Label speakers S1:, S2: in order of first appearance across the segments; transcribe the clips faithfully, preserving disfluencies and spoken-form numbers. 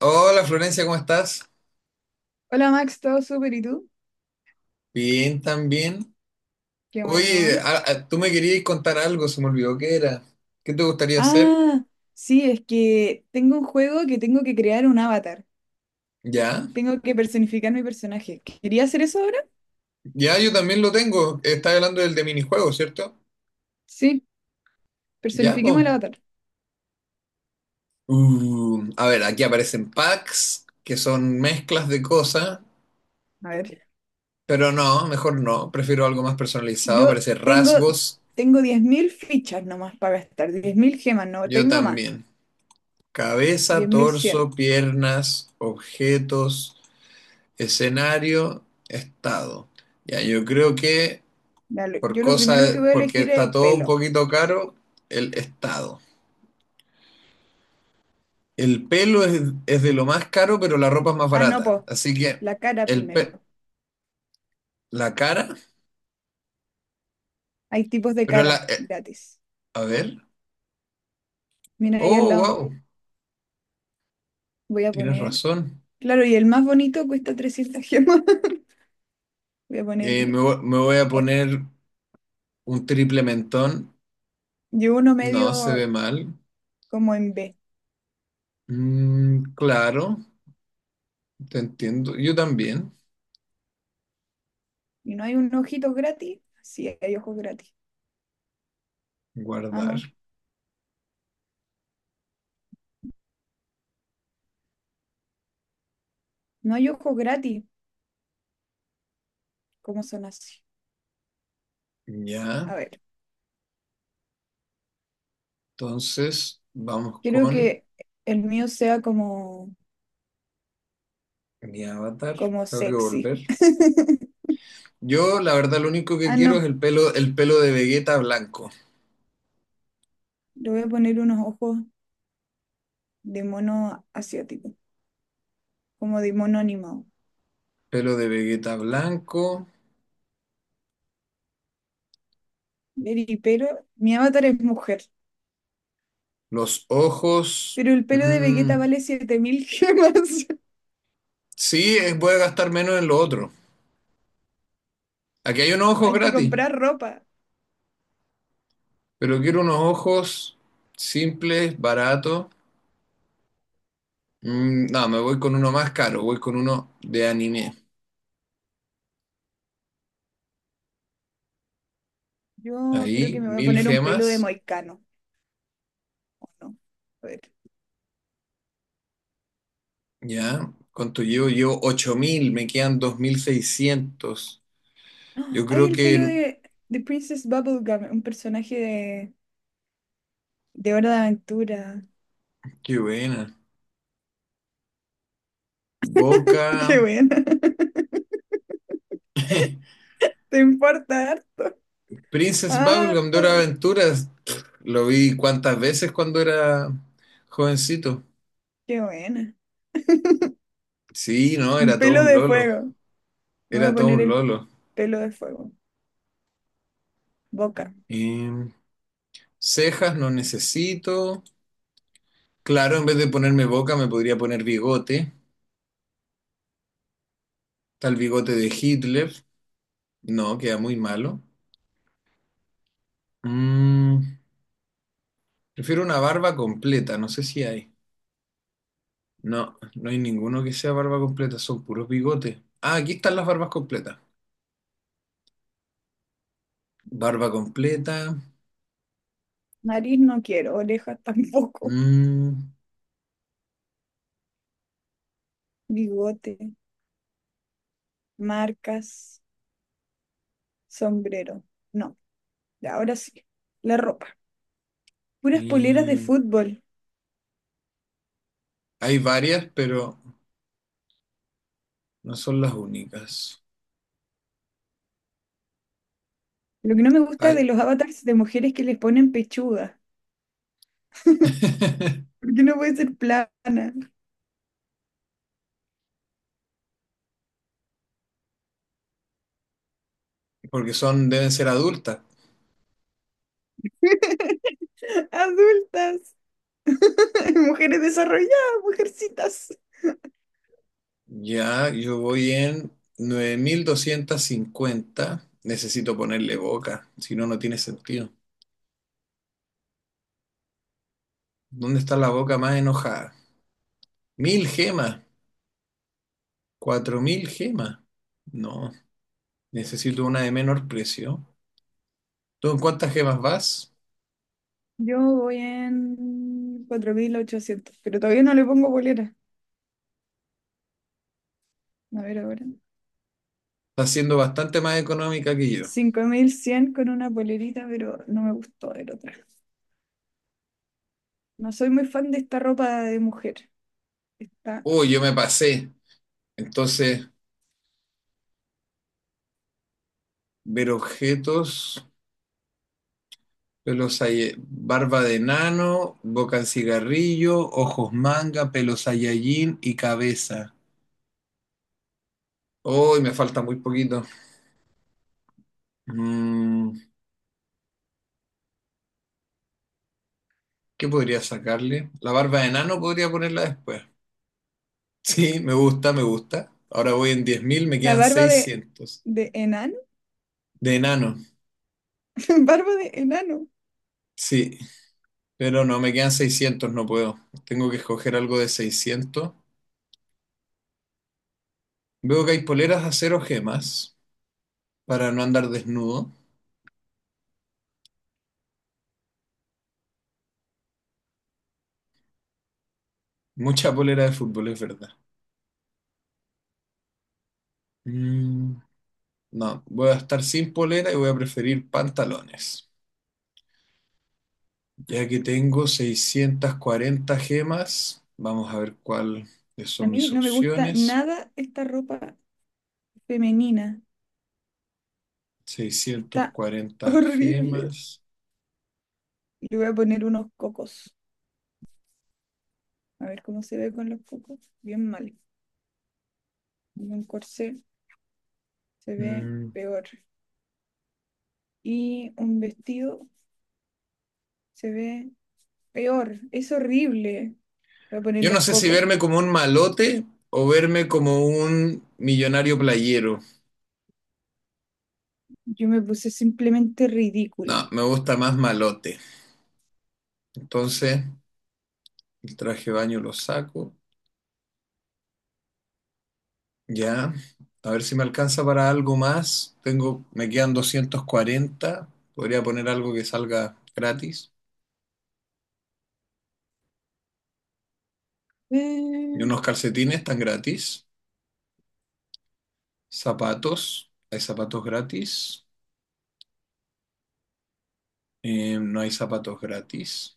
S1: Hola Florencia, ¿cómo estás?
S2: Hola Max, ¿todo súper? ¿Y tú?
S1: Bien, también.
S2: Qué
S1: Oye,
S2: bueno.
S1: a- a- tú me querías contar algo, se me olvidó qué era. ¿Qué te gustaría hacer?
S2: Ah, sí, es que tengo un juego que tengo que crear un avatar.
S1: Ya,
S2: Tengo que personificar mi personaje. ¿Quería hacer eso ahora?
S1: ya, yo también lo tengo. Estás hablando del de minijuegos, ¿cierto?
S2: Sí,
S1: Ya,
S2: personifiquemos el
S1: pues.
S2: avatar.
S1: A ver, aquí aparecen packs, que son mezclas de cosas,
S2: A ver.
S1: pero no, mejor no. Prefiero algo más personalizado,
S2: Yo
S1: aparecen
S2: tengo,
S1: rasgos.
S2: tengo diez mil fichas nomás para gastar, diez mil gemas, no
S1: Yo
S2: tengo más,
S1: también. Cabeza,
S2: diez mil cien.
S1: torso, piernas, objetos. Escenario, estado. Ya, yo creo que
S2: Ya lo-
S1: por
S2: Yo lo primero que
S1: cosa,
S2: voy a
S1: porque
S2: elegir es
S1: está
S2: el
S1: todo un
S2: pelo.
S1: poquito caro, el estado. El pelo es, es de lo más caro, pero la ropa es más
S2: Ah, no,
S1: barata.
S2: pues,
S1: Así que
S2: la cara
S1: el
S2: primero.
S1: pe- la cara,
S2: Hay tipos de
S1: pero la,
S2: cara
S1: eh,
S2: gratis.
S1: a ver.
S2: Mira ahí al
S1: Oh,
S2: lado,
S1: wow.
S2: voy a
S1: Tienes
S2: poner
S1: razón.
S2: claro, y el más bonito cuesta trescientas gemas. Voy a
S1: Eh, me,
S2: ponerle
S1: vo- me voy a
S2: este.
S1: poner un triple mentón.
S2: Yo uno
S1: No, se ve
S2: medio
S1: mal.
S2: como en B.
S1: Mm, claro, te entiendo. Yo también.
S2: ¿Y no hay un ojito gratis? Sí, hay ojos gratis. Ah, no.
S1: Guardar.
S2: No hay ojos gratis. ¿Cómo son así?
S1: Ya.
S2: A ver.
S1: Entonces, vamos
S2: Quiero
S1: con
S2: que el mío sea como,
S1: mi avatar.
S2: como
S1: Tengo que
S2: sexy.
S1: volver. Yo, la verdad, lo único que
S2: Ah,
S1: quiero es
S2: no.
S1: el pelo, el pelo de Vegeta blanco.
S2: Le voy a poner unos ojos de mono asiático. Como de mono animado.
S1: Pelo de Vegeta blanco,
S2: Ver y pero. Mi avatar es mujer.
S1: los ojos.
S2: Pero el pelo de Vegeta
S1: mm,
S2: vale siete mil gemas.
S1: sí, es- voy a gastar menos en lo otro. Aquí hay unos ojos
S2: Hay que
S1: gratis,
S2: comprar ropa.
S1: pero quiero unos ojos simples, baratos. Mm, no, me voy con uno más caro, voy con uno de anime.
S2: Yo creo que
S1: Ahí,
S2: me voy a
S1: mil
S2: poner un pelo de
S1: gemas.
S2: moicano. ¿O no? A ver.
S1: Ya, ¿cuánto llevo? Llevo ocho mil, me quedan dos mil seiscientos. Yo
S2: ¡Ah! Hay
S1: creo
S2: el pelo
S1: que.
S2: de, de Princess Bubblegum, un personaje de, de Hora de Aventura.
S1: Qué buena. Boca.
S2: Qué buena. Te importa harto.
S1: Princess
S2: Ah,
S1: Bubblegum de Hora de Aventuras. Lo vi cuántas veces cuando era jovencito.
S2: qué buena.
S1: Sí, no,
S2: Un
S1: era todo
S2: pelo
S1: un
S2: de
S1: lolo.
S2: fuego. Me voy a
S1: Era todo
S2: poner
S1: un
S2: el
S1: lolo.
S2: pelo de fuego. Boca.
S1: Em, cejas no necesito. Claro, en vez de ponerme boca me podría poner bigote. Tal bigote de Hitler. No, queda muy malo. Mm, prefiero una barba completa, no sé si hay. No, no hay ninguno que sea barba completa, son puros bigotes. Ah, aquí están las barbas completas. Barba completa.
S2: Nariz no quiero. Orejas tampoco.
S1: Mm,
S2: Bigote. Marcas. Sombrero. No. Ya, ahora sí. La ropa. Puras poleras de
S1: y
S2: fútbol.
S1: hay varias, pero no son las únicas.
S2: Lo que no me gusta de
S1: Hay-
S2: los avatars de mujeres que les ponen pechuga. ¿Por qué no puede ser plana?
S1: porque son, deben ser adultas.
S2: Adultas, mujeres desarrolladas, mujercitas.
S1: Ya, yo voy en nueve mil doscientos cincuenta. Necesito ponerle boca, si no, no tiene sentido. ¿Dónde está la boca más enojada? Mil gemas. ¿Cuatro mil gemas? No, necesito una de menor precio. ¿Tú en cuántas gemas vas?
S2: Yo voy en cuatro mil ochocientos pero todavía no le pongo polera. A ver ahora.
S1: Está siendo bastante más económica que yo.
S2: Cinco mil cien con una polerita, pero no me gustó el otra. No soy muy fan de esta ropa de mujer. Está
S1: Uy, yo me pasé. Entonces, ver objetos, pelos Saye- barba de nano, boca en cigarrillo, ojos manga, pelos Saiyajin y cabeza. Uy, me falta muy poquito. Mm, ¿qué podría sacarle? La barba de nano podría ponerla después. Sí, me gusta, me gusta. Ahora voy en diez mil, me
S2: la
S1: quedan
S2: barba de,
S1: seiscientos.
S2: de enano,
S1: De enano,
S2: barba de enano.
S1: sí, pero no, me quedan seiscientos, no puedo. Tengo que escoger algo de seiscientos. Veo que hay poleras de acero gemas para no andar desnudo. Mucha polera de fútbol, es verdad. Mm, no, voy a estar sin polera y voy a preferir pantalones. Ya que tengo seiscientas cuarenta gemas, vamos a ver cuáles
S2: A
S1: son
S2: mí
S1: mis
S2: no me gusta
S1: opciones.
S2: nada esta ropa femenina.
S1: seiscientas
S2: Está
S1: cuarenta
S2: horrible.
S1: gemas.
S2: Le voy a poner unos cocos. A ver cómo se ve con los cocos. Bien mal. Y un corsé se ve
S1: Mm,
S2: peor. Y un vestido se ve peor. Es horrible. Voy a poner
S1: yo no
S2: los
S1: sé si
S2: cocos.
S1: verme como un malote o verme como un millonario playero.
S2: Yo me puse simplemente
S1: No,
S2: ridícula.
S1: me gusta más malote. Entonces, el traje de baño lo saco. Ya. A ver si me alcanza para algo más. Tengo, me quedan doscientos cuarenta. Podría poner algo que salga gratis. Y
S2: Ver,
S1: unos calcetines están gratis. Zapatos. Hay zapatos gratis. Eh, no hay zapatos gratis.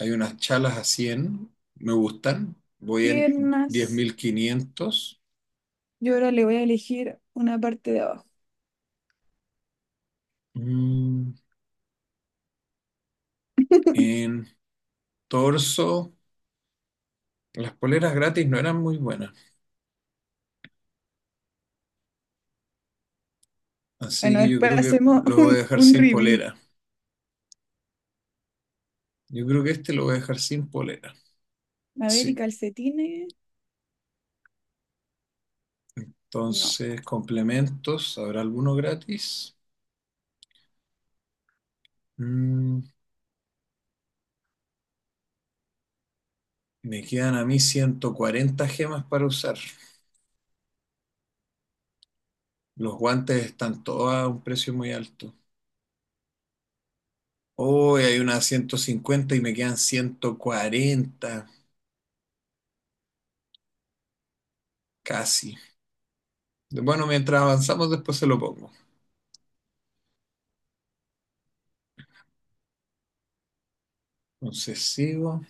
S1: Hay unas chalas a cien, me gustan. Voy en
S2: piernas.
S1: diez mil quinientos.
S2: Yo ahora le voy a elegir una parte de abajo.
S1: Mm, en torso, las poleras gratis no eran muy buenas. Así
S2: Bueno,
S1: que yo
S2: después
S1: creo que
S2: hacemos
S1: lo voy a
S2: un,
S1: dejar
S2: un
S1: sin
S2: reveal.
S1: polera. Yo creo que este lo voy a dejar sin polera.
S2: A ver, y
S1: Sí.
S2: calcetines. No.
S1: Entonces, complementos, ¿habrá alguno gratis? Mm, me quedan a mí ciento cuarenta gemas para usar. Los guantes están todos a un precio muy alto. Hoy hay unas ciento cincuenta y me quedan ciento cuarenta casi. De- Bueno, mientras avanzamos, después se lo pongo. Entonces sigo.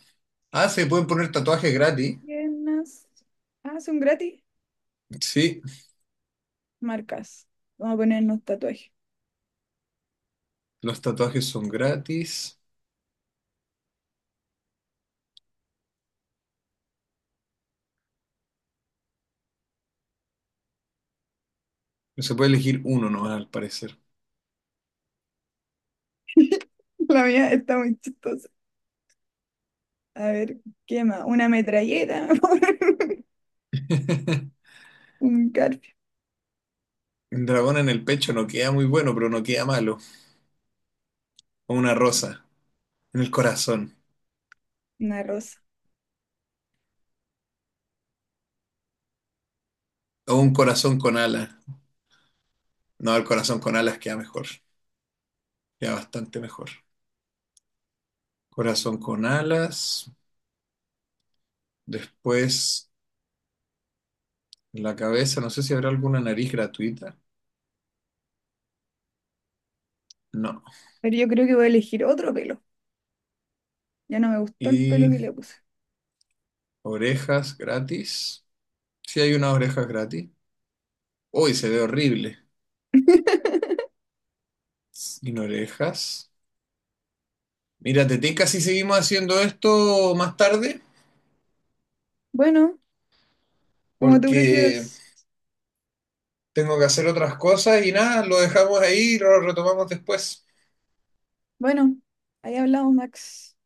S1: Ah, se pueden poner tatuajes gratis.
S2: Piernas. Ah, son gratis.
S1: Sí,
S2: Marcas. Vamos a ponernos tatuajes.
S1: los tatuajes son gratis. Se puede elegir uno nomás, al parecer.
S2: La mía está muy chistosa. A ver, ¿qué más? Una metralleta. Un garfio.
S1: Un dragón en el pecho no queda muy bueno, pero no queda malo. O una rosa en el corazón.
S2: Una rosa.
S1: O un corazón con alas. No, el corazón con alas queda mejor. Queda bastante mejor. Corazón con alas. Después, en la cabeza, no sé si habrá alguna nariz gratuita. No.
S2: Pero yo creo que voy a elegir otro pelo. Ya no me gustó el pelo
S1: Y
S2: que le puse.
S1: orejas gratis. Sí hay unas orejas gratis. Uy, se ve horrible. Sin orejas. Mira, te tinca si seguimos haciendo esto más tarde,
S2: Bueno, como tú
S1: porque
S2: prefieras.
S1: tengo que hacer otras cosas y nada, lo dejamos ahí y lo retomamos después.
S2: Bueno, ahí hablamos, Max.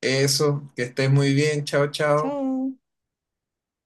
S1: Eso, que estés muy bien. Chao, chao.
S2: Chao.